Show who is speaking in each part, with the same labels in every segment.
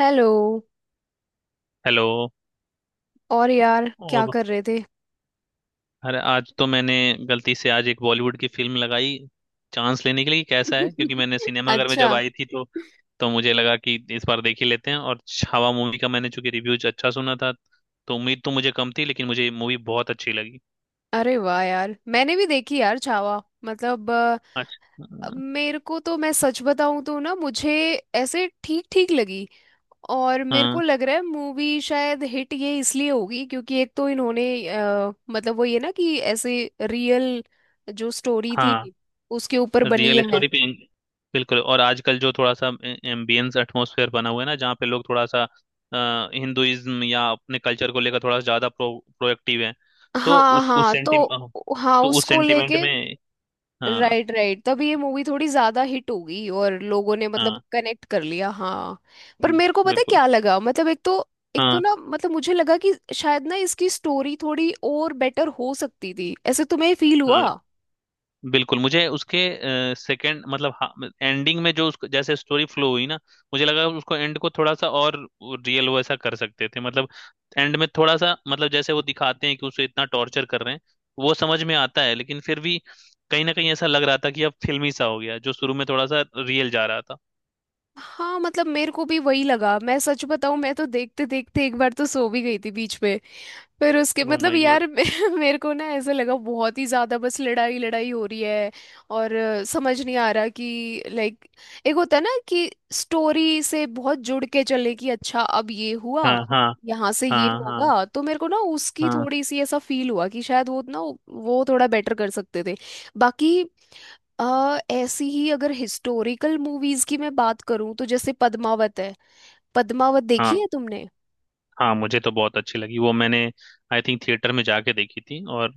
Speaker 1: Hello.
Speaker 2: Hello.
Speaker 1: और यार क्या
Speaker 2: और
Speaker 1: कर रहे थे?
Speaker 2: अरे आज तो मैंने गलती से आज एक बॉलीवुड की फिल्म लगाई, चांस लेने के लिए कि कैसा है, क्योंकि मैंने सिनेमाघर में
Speaker 1: अच्छा।
Speaker 2: जब आई थी तो मुझे लगा कि इस बार देख ही लेते हैं, और छावा मूवी का मैंने चूंकि रिव्यूज अच्छा सुना था तो उम्मीद तो मुझे कम थी, लेकिन मुझे मूवी बहुत अच्छी लगी।
Speaker 1: अरे वाह यार मैंने भी देखी यार छावा। मतलब
Speaker 2: अच्छा।
Speaker 1: अब मेरे को तो मैं सच बताऊं तो ना मुझे ऐसे ठीक ठीक लगी। और मेरे को
Speaker 2: हाँ
Speaker 1: लग रहा है मूवी शायद हिट ये इसलिए होगी, क्योंकि एक तो इन्होंने मतलब वो ये ना कि ऐसे रियल जो स्टोरी
Speaker 2: हाँ।
Speaker 1: थी उसके ऊपर बनी
Speaker 2: रियल
Speaker 1: है।
Speaker 2: स्टोरी पे। बिल्कुल। और आजकल जो थोड़ा सा एम्बियंस एटमॉस्फेयर बना हुआ है ना, जहाँ पे लोग थोड़ा सा हिंदुइज्म या अपने कल्चर को लेकर थोड़ा सा ज्यादा प्रो प्रोएक्टिव है, तो
Speaker 1: हाँ
Speaker 2: उस
Speaker 1: हाँ तो
Speaker 2: सेंटि,
Speaker 1: हाँ
Speaker 2: तो उस
Speaker 1: उसको
Speaker 2: सेंटिमेंट
Speaker 1: लेके
Speaker 2: में। हाँ
Speaker 1: राइट राइट, तब ये मूवी थोड़ी ज्यादा हिट हो गई और लोगों ने मतलब
Speaker 2: हाँ।
Speaker 1: कनेक्ट कर लिया। हाँ, पर मेरे को पता है
Speaker 2: बिल्कुल।
Speaker 1: क्या लगा? मतलब एक तो
Speaker 2: हाँ
Speaker 1: ना मतलब मुझे लगा कि शायद ना इसकी स्टोरी थोड़ी और बेटर हो सकती थी। ऐसे तुम्हें फील हुआ?
Speaker 2: हाँ। बिल्कुल मुझे उसके सेकंड, एंडिंग में जो उसको जैसे स्टोरी फ्लो हुई ना, मुझे लगा उसको एंड को थोड़ा सा और रियल वैसा कर सकते थे। मतलब एंड में थोड़ा सा मतलब जैसे वो दिखाते हैं कि उसे इतना टॉर्चर कर रहे हैं, वो समझ में आता है, लेकिन फिर भी कहीं ना कहीं ऐसा लग रहा था कि अब फिल्मी सा हो गया, जो शुरू में थोड़ा सा रियल जा रहा था।
Speaker 1: हाँ मतलब मेरे को भी वही लगा। मैं सच बताऊं, मैं तो देखते देखते एक बार तो सो भी गई थी बीच में। फिर उसके
Speaker 2: ओ
Speaker 1: मतलब
Speaker 2: माय गॉड।
Speaker 1: यार मेरे को ना ऐसा लगा बहुत ही ज्यादा बस लड़ाई लड़ाई हो रही है। और समझ नहीं आ रहा कि लाइक, एक होता है ना कि स्टोरी से बहुत जुड़ के चले कि अच्छा अब ये हुआ,
Speaker 2: हाँ हाँ
Speaker 1: यहाँ से ये
Speaker 2: हाँ हाँ।
Speaker 1: होगा। तो मेरे को ना उसकी
Speaker 2: हाँ
Speaker 1: थोड़ी सी ऐसा फील हुआ कि शायद वो ना वो थोड़ा बेटर कर सकते थे। बाकी ऐसी ही अगर हिस्टोरिकल मूवीज की मैं बात करूँ तो जैसे पद्मावत है। पद्मावत देखी
Speaker 2: हाँ।
Speaker 1: है तुमने?
Speaker 2: हाँ मुझे तो बहुत अच्छी लगी वो, मैंने आई थिंक थिएटर में जाके देखी थी, और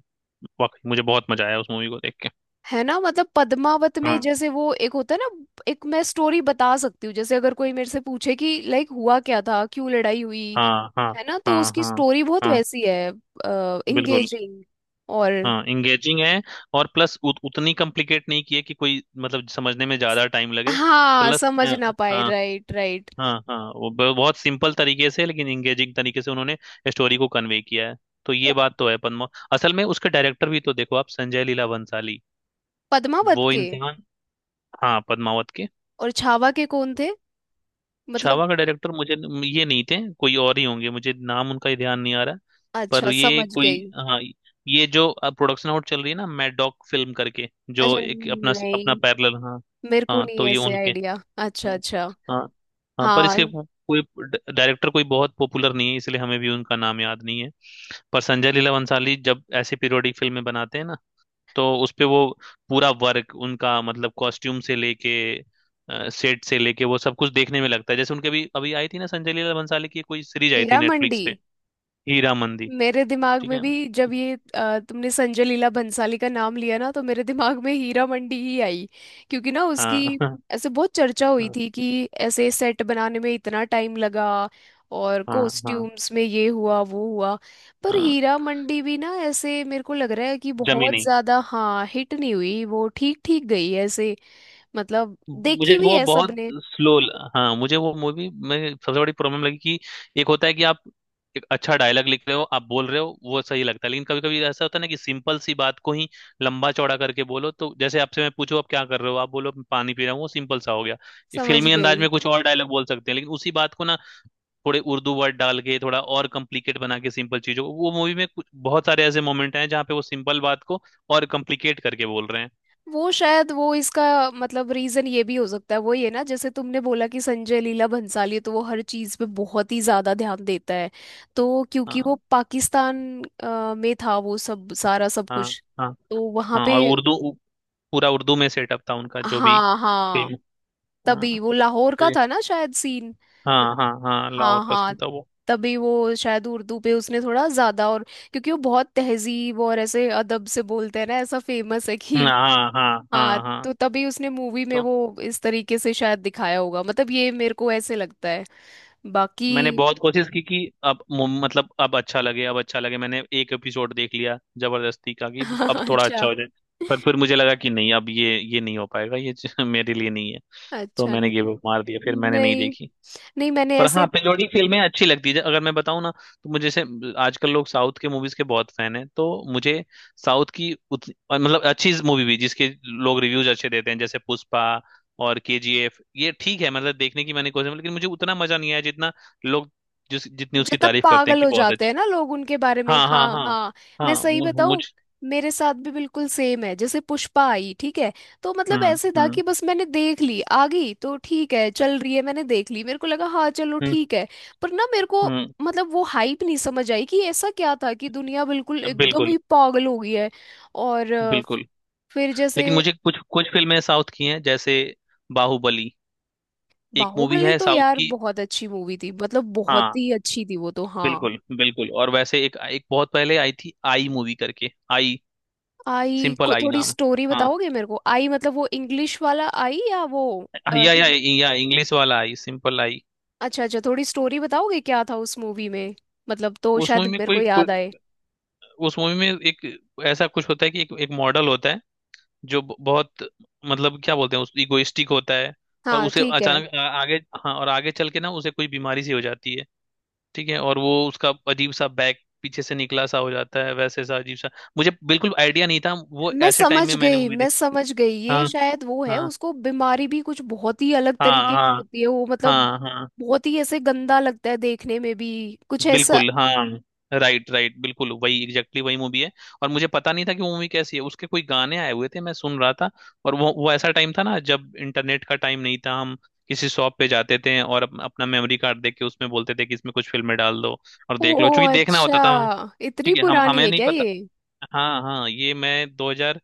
Speaker 2: वाकई मुझे बहुत मजा आया उस मूवी को देख
Speaker 1: है ना, मतलब पद्मावत में
Speaker 2: के।
Speaker 1: जैसे वो एक होता है ना, एक मैं स्टोरी बता सकती हूँ, जैसे अगर कोई मेरे से पूछे कि लाइक हुआ क्या था, क्यों लड़ाई हुई,
Speaker 2: हाँ हाँ
Speaker 1: है ना, तो
Speaker 2: हाँ
Speaker 1: उसकी
Speaker 2: हाँ
Speaker 1: स्टोरी बहुत
Speaker 2: हाँ।
Speaker 1: वैसी है।
Speaker 2: बिल्कुल।
Speaker 1: इंगेजिंग। और
Speaker 2: हाँ इंगेजिंग है। और प्लस उतनी कॉम्प्लिकेट नहीं की है कि कोई मतलब समझने में ज्यादा टाइम लगे।
Speaker 1: हाँ
Speaker 2: प्लस अ,
Speaker 1: समझ ना पाए,
Speaker 2: हाँ
Speaker 1: राइट राइट।
Speaker 2: हाँ हाँ वो बहुत सिंपल तरीके से, लेकिन इंगेजिंग तरीके से उन्होंने स्टोरी को कन्वे किया है। तो ये बात तो है। पद्मा, असल में उसके डायरेक्टर भी तो देखो आप, संजय लीला भंसाली,
Speaker 1: पद्मावत
Speaker 2: वो
Speaker 1: के
Speaker 2: इंसान। हाँ पद्मावत के।
Speaker 1: और छावा के कौन थे मतलब?
Speaker 2: छावा का डायरेक्टर मुझे ये नहीं थे, कोई और ही होंगे, मुझे नाम उनका ही ध्यान नहीं आ रहा। पर
Speaker 1: अच्छा
Speaker 2: ये
Speaker 1: समझ
Speaker 2: कोई,
Speaker 1: गई।
Speaker 2: हाँ, ये जो अब प्रोडक्शन आउट चल रही है ना, मैड डॉग फिल्म करके, जो
Speaker 1: अच्छा
Speaker 2: एक अपना अपना
Speaker 1: नहीं,
Speaker 2: पैरेलल। हाँ
Speaker 1: मेरे को
Speaker 2: हाँ
Speaker 1: नहीं
Speaker 2: तो ये
Speaker 1: ऐसे
Speaker 2: उनके।
Speaker 1: आइडिया। अच्छा
Speaker 2: हाँ
Speaker 1: अच्छा
Speaker 2: हाँ हाँ, पर इसके
Speaker 1: हाँ।
Speaker 2: कोई डायरेक्टर कोई बहुत पॉपुलर नहीं है, इसलिए हमें भी उनका नाम याद नहीं है। पर संजय लीला भंसाली जब ऐसे पीरियोडिक फिल्में बनाते हैं ना, तो उस पे वो पूरा वर्क उनका, मतलब कॉस्ट्यूम से लेके सेट से लेके वो सब कुछ देखने में लगता है। जैसे उनके भी अभी आई थी ना, संजय लीला भंसाली की कोई सीरीज आई थी
Speaker 1: हीरा
Speaker 2: नेटफ्लिक्स
Speaker 1: मंडी।
Speaker 2: पे। हीरा मंदी।
Speaker 1: मेरे दिमाग
Speaker 2: ठीक
Speaker 1: में
Speaker 2: है।
Speaker 1: भी जब ये तुमने संजय लीला भंसाली का नाम लिया ना तो मेरे दिमाग में हीरा मंडी ही आई। क्योंकि ना उसकी
Speaker 2: हाँ
Speaker 1: ऐसे बहुत चर्चा हुई
Speaker 2: हाँ
Speaker 1: थी कि ऐसे सेट बनाने में इतना टाइम लगा और
Speaker 2: हाँ हाँ
Speaker 1: कॉस्ट्यूम्स में ये हुआ वो हुआ। पर
Speaker 2: हाँ
Speaker 1: हीरा मंडी भी ना ऐसे मेरे को लग रहा है कि
Speaker 2: जमी
Speaker 1: बहुत
Speaker 2: नहीं,
Speaker 1: ज्यादा हाँ हिट नहीं हुई, वो ठीक ठीक गई ऐसे। मतलब
Speaker 2: मुझे
Speaker 1: देखी भी
Speaker 2: वो
Speaker 1: है
Speaker 2: बहुत
Speaker 1: सबने?
Speaker 2: स्लो। हाँ मुझे वो मूवी में सबसे बड़ी प्रॉब्लम लगी कि एक होता है कि आप एक अच्छा डायलॉग लिख रहे हो, आप बोल रहे हो, वो सही लगता है। लेकिन कभी कभी ऐसा होता है ना कि सिंपल सी बात को ही लंबा चौड़ा करके बोलो। तो जैसे आपसे मैं पूछूं आप क्या कर रहे हो, आप बोलो मैं पानी पी रहा हूँ, वो सिंपल सा हो गया। ये
Speaker 1: समझ
Speaker 2: फिल्मी अंदाज
Speaker 1: गई।
Speaker 2: में कुछ और डायलॉग बोल सकते हैं लेकिन उसी बात को ना थोड़े उर्दू वर्ड डाल के थोड़ा और कॉम्प्लिकेट बना के, सिंपल चीजों को। वो मूवी में कुछ बहुत सारे ऐसे मोमेंट हैं जहाँ पे वो सिंपल बात को और कॉम्प्लिकेट करके बोल रहे हैं।
Speaker 1: वो शायद वो इसका मतलब रीजन ये भी हो सकता है, वो ये ना, जैसे तुमने बोला कि संजय लीला भंसाली तो वो हर चीज पे बहुत ही ज्यादा ध्यान देता है। तो क्योंकि वो
Speaker 2: हाँ
Speaker 1: पाकिस्तान में था वो सब सारा सब
Speaker 2: हाँ
Speaker 1: कुछ,
Speaker 2: हाँ
Speaker 1: तो वहां
Speaker 2: हाँ।
Speaker 1: पे
Speaker 2: और उर्दू, पूरा उर्दू में सेटअप था उनका, जो भी
Speaker 1: हाँ हाँ,
Speaker 2: फिल्म। हाँ
Speaker 1: तभी वो लाहौर
Speaker 2: तो
Speaker 1: का
Speaker 2: ये,
Speaker 1: था ना शायद सीन।
Speaker 2: हाँ
Speaker 1: मतलब
Speaker 2: हाँ हाँ, लाहौर
Speaker 1: हाँ
Speaker 2: का
Speaker 1: हाँ,
Speaker 2: सीन था वो।
Speaker 1: तभी वो शायद उर्दू पे उसने थोड़ा ज्यादा और, क्योंकि वो बहुत तहजीब और ऐसे अदब से बोलते हैं ना, ऐसा फेमस है कि।
Speaker 2: हाँ हाँ
Speaker 1: हाँ
Speaker 2: हाँ हाँ।
Speaker 1: तो तभी उसने मूवी में
Speaker 2: तो
Speaker 1: वो इस तरीके से शायद दिखाया होगा। मतलब ये मेरे को ऐसे लगता है। बाकी
Speaker 2: मैंने बहुत कोशिश की कि अब मतलब अब अच्छा लगे, अब अच्छा लगे, मैंने एक एपिसोड देख लिया जबरदस्ती का कि अब थोड़ा अच्छा
Speaker 1: अच्छा
Speaker 2: हो जाए। पर फिर मुझे लगा कि नहीं, अब ये नहीं हो पाएगा, ये मेरे लिए नहीं है। तो
Speaker 1: अच्छा
Speaker 2: मैंने गिव अप मार दिया, फिर मैंने नहीं
Speaker 1: नहीं
Speaker 2: देखी।
Speaker 1: नहीं मैंने
Speaker 2: पर
Speaker 1: ऐसे,
Speaker 2: हाँ पेलोडी फिल्में अच्छी लगती है। अगर मैं बताऊँ ना तो मुझे, जैसे आजकल लोग साउथ के मूवीज के बहुत फैन हैं, तो मुझे साउथ की उतनी और मतलब अच्छी मूवी भी, जिसके लोग रिव्यूज अच्छे देते हैं जैसे पुष्पा और केजीएफ, ये ठीक है, मतलब देखने की मैंने कोशिश, लेकिन मुझे उतना मजा नहीं आया जितना लोग जिस जितनी उसकी
Speaker 1: जितना
Speaker 2: तारीफ करते हैं
Speaker 1: पागल
Speaker 2: कि
Speaker 1: हो
Speaker 2: बहुत
Speaker 1: जाते
Speaker 2: अच्छी।
Speaker 1: हैं ना लोग उनके बारे में,
Speaker 2: हाँ
Speaker 1: हाँ
Speaker 2: हाँ हाँ।
Speaker 1: हाँ।
Speaker 2: हाँ
Speaker 1: मैं सही
Speaker 2: मुझ,
Speaker 1: बताऊं, मेरे साथ भी बिल्कुल सेम है। जैसे पुष्पा आई, ठीक है। तो मतलब
Speaker 2: हम्म
Speaker 1: ऐसे था कि
Speaker 2: हम्म
Speaker 1: बस मैंने देख ली, आ गई तो ठीक है चल रही है, मैंने देख ली, मेरे को लगा हाँ चलो
Speaker 2: हम्म
Speaker 1: ठीक है। पर ना मेरे को
Speaker 2: हम्म
Speaker 1: मतलब वो हाइप नहीं समझ आई कि ऐसा क्या था कि दुनिया बिल्कुल एकदम
Speaker 2: बिल्कुल
Speaker 1: ही पागल हो गई है। और
Speaker 2: बिल्कुल।
Speaker 1: फिर जैसे
Speaker 2: लेकिन मुझे कुछ कुछ फिल्में साउथ की हैं जैसे बाहुबली, एक मूवी
Speaker 1: बाहुबली,
Speaker 2: है
Speaker 1: तो
Speaker 2: साउथ
Speaker 1: यार
Speaker 2: की।
Speaker 1: बहुत अच्छी मूवी थी, मतलब बहुत
Speaker 2: हाँ
Speaker 1: ही अच्छी थी वो तो, हाँ।
Speaker 2: बिल्कुल बिल्कुल। और वैसे एक एक बहुत पहले आई थी, आई मूवी करके, आई
Speaker 1: आई
Speaker 2: सिंपल
Speaker 1: को
Speaker 2: आई
Speaker 1: थोड़ी
Speaker 2: नाम।
Speaker 1: स्टोरी
Speaker 2: हाँ,
Speaker 1: बताओगे मेरे को? आई मतलब वो इंग्लिश वाला आई या वो अ,
Speaker 2: या
Speaker 1: हिं-
Speaker 2: या इंग्लिश वाला आई, सिंपल आई।
Speaker 1: अच्छा अच्छा, थोड़ी स्टोरी बताओगे क्या था उस मूवी में? मतलब तो
Speaker 2: उस
Speaker 1: शायद
Speaker 2: मूवी में
Speaker 1: मेरे को
Speaker 2: कोई,
Speaker 1: याद आए।
Speaker 2: उस मूवी में एक ऐसा कुछ होता है कि एक मॉडल होता है जो बहुत, मतलब क्या बोलते हैं, उस इगोइस्टिक होता है। और
Speaker 1: हाँ
Speaker 2: उसे
Speaker 1: ठीक है।
Speaker 2: अचानक आगे, हाँ और आगे चल के ना उसे कोई बीमारी सी हो जाती है। ठीक है। और वो उसका अजीब सा बैक पीछे से निकला सा हो जाता है, वैसे सा अजीब सा। मुझे बिल्कुल आइडिया नहीं था, वो
Speaker 1: मैं
Speaker 2: ऐसे टाइम
Speaker 1: समझ
Speaker 2: में मैंने
Speaker 1: गई
Speaker 2: मूवी
Speaker 1: मैं
Speaker 2: देखी।
Speaker 1: समझ गई, ये
Speaker 2: हाँ
Speaker 1: शायद वो है,
Speaker 2: हाँ
Speaker 1: उसको बीमारी भी कुछ बहुत ही अलग
Speaker 2: हाँ
Speaker 1: तरीके की
Speaker 2: हाँ
Speaker 1: होती है वो, मतलब
Speaker 2: हाँ हाँ।
Speaker 1: बहुत ही ऐसे गंदा लगता है देखने में भी, कुछ ऐसा।
Speaker 2: बिल्कुल हाँ, राइट राइट, बिल्कुल वही, एग्जैक्टली वही मूवी है। और मुझे पता नहीं था कि वो मूवी कैसी है, उसके कोई गाने आए हुए थे, मैं सुन रहा था। और वो ऐसा टाइम था ना जब इंटरनेट का टाइम नहीं था, हम किसी शॉप पे जाते थे और अपना मेमोरी कार्ड देके उसमें बोलते थे कि इसमें कुछ फिल्में डाल दो और
Speaker 1: ओ
Speaker 2: देख लो, क्योंकि देखना होता
Speaker 1: अच्छा,
Speaker 2: था।
Speaker 1: इतनी
Speaker 2: ठीक है, हम
Speaker 1: पुरानी
Speaker 2: हमें
Speaker 1: है
Speaker 2: नहीं
Speaker 1: क्या
Speaker 2: पता।
Speaker 1: ये?
Speaker 2: हाँ हाँ ये मैं 2000,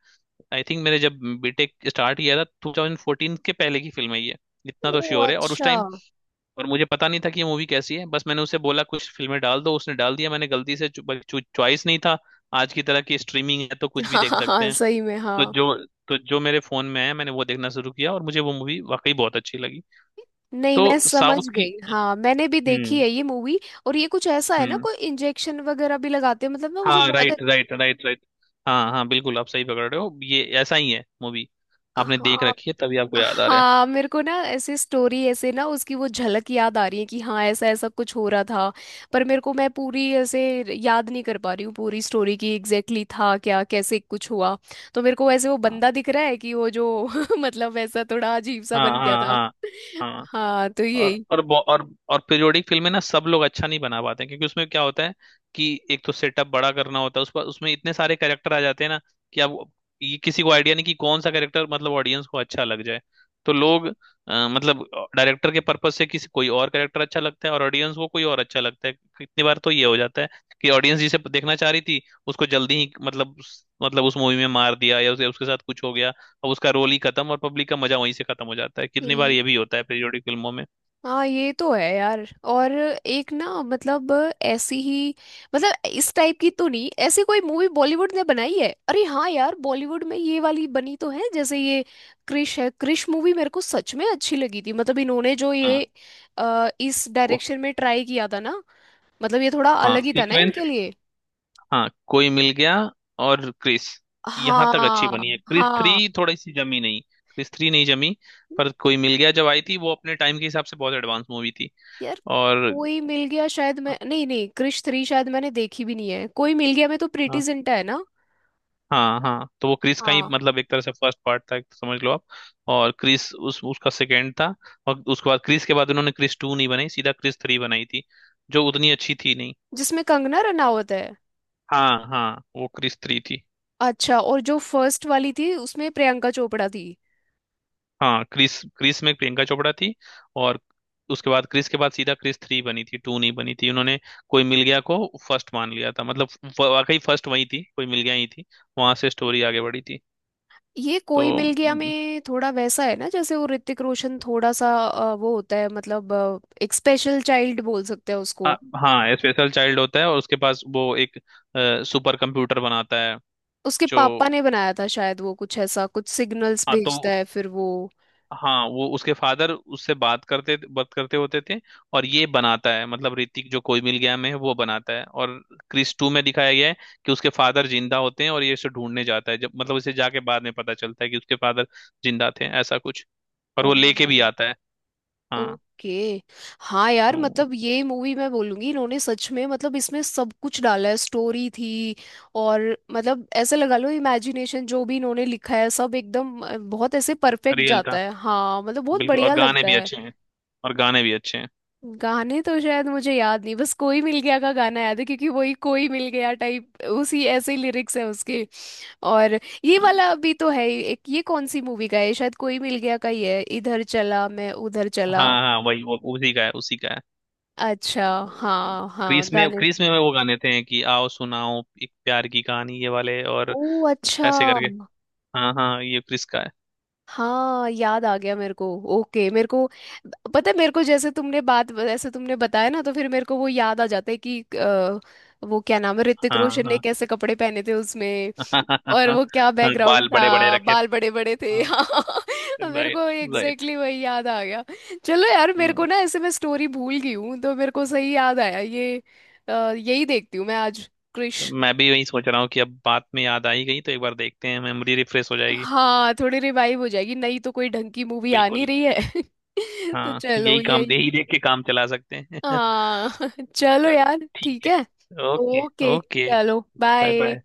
Speaker 2: आई थिंक मैंने जब बीटेक स्टार्ट किया था, 2014 के पहले की फिल्म है ये, इतना तो
Speaker 1: ओ
Speaker 2: श्योर है। और उस
Speaker 1: अच्छा।
Speaker 2: टाइम, और मुझे पता नहीं था कि ये मूवी कैसी है, बस मैंने उसे बोला कुछ फिल्में डाल दो, उसने डाल दिया, मैंने गलती से, चॉइस नहीं था आज की तरह की स्ट्रीमिंग है तो कुछ भी
Speaker 1: हाँ
Speaker 2: देख
Speaker 1: हाँ
Speaker 2: सकते
Speaker 1: हाँ
Speaker 2: हैं।
Speaker 1: सही में
Speaker 2: तो
Speaker 1: हाँ।
Speaker 2: जो तो जो मेरे फोन में है मैंने वो देखना शुरू किया, और मुझे वो मूवी वाकई बहुत अच्छी लगी।
Speaker 1: नहीं, मैं
Speaker 2: तो
Speaker 1: समझ
Speaker 2: साउथ की।
Speaker 1: गई, हाँ मैंने भी देखी
Speaker 2: हम्म
Speaker 1: है ये मूवी। और ये कुछ ऐसा है ना,
Speaker 2: हम्म।
Speaker 1: कोई इंजेक्शन वगैरह भी लगाते हैं मतलब ना, मुझे
Speaker 2: हाँ
Speaker 1: बहुत,
Speaker 2: राइट राइट राइट राइट। हाँ हाँ बिल्कुल, आप सही पकड़ रहे हो, ये ऐसा ही है मूवी। आपने देख
Speaker 1: हाँ
Speaker 2: रखी है, तभी आपको याद आ रहा है।
Speaker 1: हाँ। मेरे को ना ऐसे स्टोरी, ऐसे ना उसकी वो झलक याद आ रही है कि हाँ ऐसा ऐसा कुछ हो रहा था। पर मेरे को, मैं पूरी ऐसे याद नहीं कर पा रही हूँ, पूरी स्टोरी की एग्जैक्टली था क्या कैसे कुछ हुआ। तो मेरे को ऐसे वो
Speaker 2: हाँ
Speaker 1: बंदा दिख रहा है कि वो जो मतलब ऐसा थोड़ा अजीब सा
Speaker 2: हाँ
Speaker 1: बन गया था।
Speaker 2: हाँ हाँ।
Speaker 1: हाँ, तो यही।
Speaker 2: और और पीरियोडिक फिल्में ना सब लोग अच्छा नहीं बना पाते हैं, क्योंकि उसमें क्या होता है कि एक तो सेटअप बड़ा करना होता है, उस पर उसमें इतने सारे कैरेक्टर आ जाते हैं ना कि अब ये किसी को आइडिया नहीं कि कौन सा कैरेक्टर मतलब ऑडियंस को अच्छा लग जाए। तो लोग, मतलब डायरेक्टर के पर्पज से किसी कोई और कैरेक्टर अच्छा लगता है, और ऑडियंस को कोई और अच्छा लगता है। कितनी बार तो ये हो जाता है कि ऑडियंस जिसे देखना चाह रही थी, उसको जल्दी ही मतलब मतलब उस मूवी में मार दिया या उसे उसके साथ कुछ हो गया, अब उसका रोल ही खत्म और पब्लिक का मजा वहीं से खत्म हो जाता है। कितनी बार ये भी होता है पीरियोडिक फिल्मों में।
Speaker 1: हाँ ये तो है यार। और एक ना मतलब ऐसी ही, मतलब इस टाइप की तो नहीं ऐसी कोई मूवी बॉलीवुड ने बनाई है, अरे हाँ यार, बॉलीवुड में ये वाली बनी तो है, जैसे ये क्रिश है। क्रिश मूवी मेरे को सच में अच्छी लगी थी, मतलब इन्होंने जो ये
Speaker 2: हाँ
Speaker 1: इस
Speaker 2: को,
Speaker 1: डायरेक्शन में ट्राई किया था ना, मतलब ये थोड़ा
Speaker 2: हाँ
Speaker 1: अलग ही था ना
Speaker 2: सीक्वेंस,
Speaker 1: इनके लिए।
Speaker 2: हाँ कोई मिल गया और क्रिस यहाँ तक अच्छी
Speaker 1: हाँ
Speaker 2: बनी है, क्रिस
Speaker 1: हाँ
Speaker 2: थ्री थोड़ी सी जमी नहीं, क्रिस थ्री नहीं जमी। पर कोई मिल गया जब आई थी वो अपने टाइम के हिसाब से बहुत एडवांस मूवी थी।
Speaker 1: यार।
Speaker 2: और
Speaker 1: कोई मिल गया, शायद मैं, नहीं नहीं क्रिश थ्री शायद मैंने देखी भी नहीं है। कोई मिल गया, मैं तो प्रीटी
Speaker 2: हाँ
Speaker 1: जिंटा है ना,
Speaker 2: हाँ हाँ, तो वो क्रिस का ही
Speaker 1: हाँ।
Speaker 2: मतलब एक तरह से फर्स्ट पार्ट था समझ लो आप, और क्रिस उस उसका सेकंड था। और उसके बाद क्रिस के बाद उन्होंने क्रिस टू नहीं बनाई, सीधा क्रिस थ्री बनाई थी, जो उतनी अच्छी थी नहीं।
Speaker 1: जिसमें कंगना रनावत है।
Speaker 2: हाँ हाँ वो क्रिस थ्री थी।
Speaker 1: अच्छा, और जो फर्स्ट वाली थी उसमें प्रियंका चोपड़ा थी।
Speaker 2: हाँ क्रिस, क्रिस में प्रियंका चोपड़ा थी, और उसके बाद क्रिस के बाद सीधा क्रिस थ्री बनी थी, टू नहीं बनी थी उन्होंने। कोई मिल गया को फर्स्ट मान लिया था, मतलब वाकई फर्स्ट वही थी, कोई मिल गया ही थी, वहां से स्टोरी आगे बढ़ी थी।
Speaker 1: ये
Speaker 2: तो
Speaker 1: कोई मिल गया में थोड़ा वैसा है ना, जैसे वो ऋतिक रोशन थोड़ा सा वो होता है मतलब एक स्पेशल चाइल्ड बोल सकते हैं उसको।
Speaker 2: आ, हाँ स्पेशल चाइल्ड होता है और उसके पास वो एक सुपर कंप्यूटर बनाता है
Speaker 1: उसके
Speaker 2: जो,
Speaker 1: पापा ने बनाया था शायद वो कुछ ऐसा, कुछ सिग्नल्स
Speaker 2: हाँ
Speaker 1: भेजता
Speaker 2: तो
Speaker 1: है फिर वो।
Speaker 2: हाँ वो उसके फादर उससे बात करते होते थे, और ये बनाता है मतलब ऋतिक जो कोई मिल गया में है, वो बनाता है। और क्रिस टू में दिखाया गया है कि उसके फादर जिंदा होते हैं, और ये इसे ढूंढने जाता है, जब मतलब उसे जाके बाद में पता चलता है कि उसके फादर जिंदा थे, ऐसा कुछ। और वो लेके
Speaker 1: ओह।
Speaker 2: भी आता है। हाँ।
Speaker 1: ओके। हाँ यार
Speaker 2: हम्म,
Speaker 1: मतलब ये मूवी, मैं बोलूंगी इन्होंने सच में मतलब इसमें सब कुछ डाला है, स्टोरी थी और मतलब ऐसे लगा लो इमेजिनेशन जो भी इन्होंने लिखा है सब एकदम बहुत ऐसे परफेक्ट
Speaker 2: रियल
Speaker 1: जाता
Speaker 2: था।
Speaker 1: है, हाँ मतलब बहुत
Speaker 2: बिल्कुल और
Speaker 1: बढ़िया
Speaker 2: गाने
Speaker 1: लगता
Speaker 2: भी
Speaker 1: है।
Speaker 2: अच्छे हैं। और गाने भी अच्छे हैं।
Speaker 1: गाने तो शायद मुझे याद नहीं, बस कोई मिल गया का गाना याद है क्योंकि वही कोई मिल गया टाइप उसी ऐसे लिरिक्स है उसके। और ये वाला भी तो है ही, एक ये कौन सी मूवी का है, शायद कोई मिल गया का ही है, इधर चला मैं उधर चला।
Speaker 2: हाँ हाँ वही वो उसी का है।
Speaker 1: अच्छा, हाँ हाँ
Speaker 2: क्रिस में,
Speaker 1: गाने।
Speaker 2: क्रिस में वो गाने थे कि आओ सुनाओ एक प्यार की कहानी, ये वाले और
Speaker 1: ओ अच्छा,
Speaker 2: ऐसे करके। हाँ हाँ ये क्रिस का है।
Speaker 1: हाँ याद आ गया मेरे को। ओके मेरे को पता है, मेरे को जैसे तुमने बात, जैसे तुमने बताया ना, तो फिर मेरे को वो याद आ जाता है कि वो क्या नाम है, ऋतिक
Speaker 2: हाँ
Speaker 1: रोशन ने
Speaker 2: हाँ
Speaker 1: कैसे कपड़े पहने थे उसमें। और वो क्या
Speaker 2: हाँ
Speaker 1: बैकग्राउंड
Speaker 2: बाल बड़े बड़े
Speaker 1: था,
Speaker 2: रखे
Speaker 1: बाल
Speaker 2: थे।
Speaker 1: बड़े बड़े थे
Speaker 2: हाँ
Speaker 1: हाँ मेरे
Speaker 2: राइट
Speaker 1: को एग्जैक्टली
Speaker 2: राइट।
Speaker 1: exactly वही याद आ गया। चलो यार मेरे को
Speaker 2: हाँ
Speaker 1: ना ऐसे, मैं स्टोरी भूल गई हूँ, तो मेरे को सही याद आया ये। यही देखती हूँ मैं आज, क्रिश।
Speaker 2: मैं भी वही सोच रहा हूँ कि अब बात में याद आई गई तो एक बार देखते हैं, मेमोरी रिफ्रेश हो जाएगी।
Speaker 1: हाँ, थोड़ी रिवाइव हो जाएगी, नहीं तो कोई ढंग की मूवी आ नहीं
Speaker 2: बिल्कुल।
Speaker 1: रही है तो
Speaker 2: हाँ
Speaker 1: चलो
Speaker 2: यही काम,
Speaker 1: यही।
Speaker 2: यही देख के काम चला सकते हैं
Speaker 1: हाँ चलो
Speaker 2: चल
Speaker 1: यार
Speaker 2: ठीक
Speaker 1: ठीक है।
Speaker 2: है, ओके।
Speaker 1: ओके।
Speaker 2: ओके।
Speaker 1: चलो
Speaker 2: बाय बाय। बाय।
Speaker 1: बाय।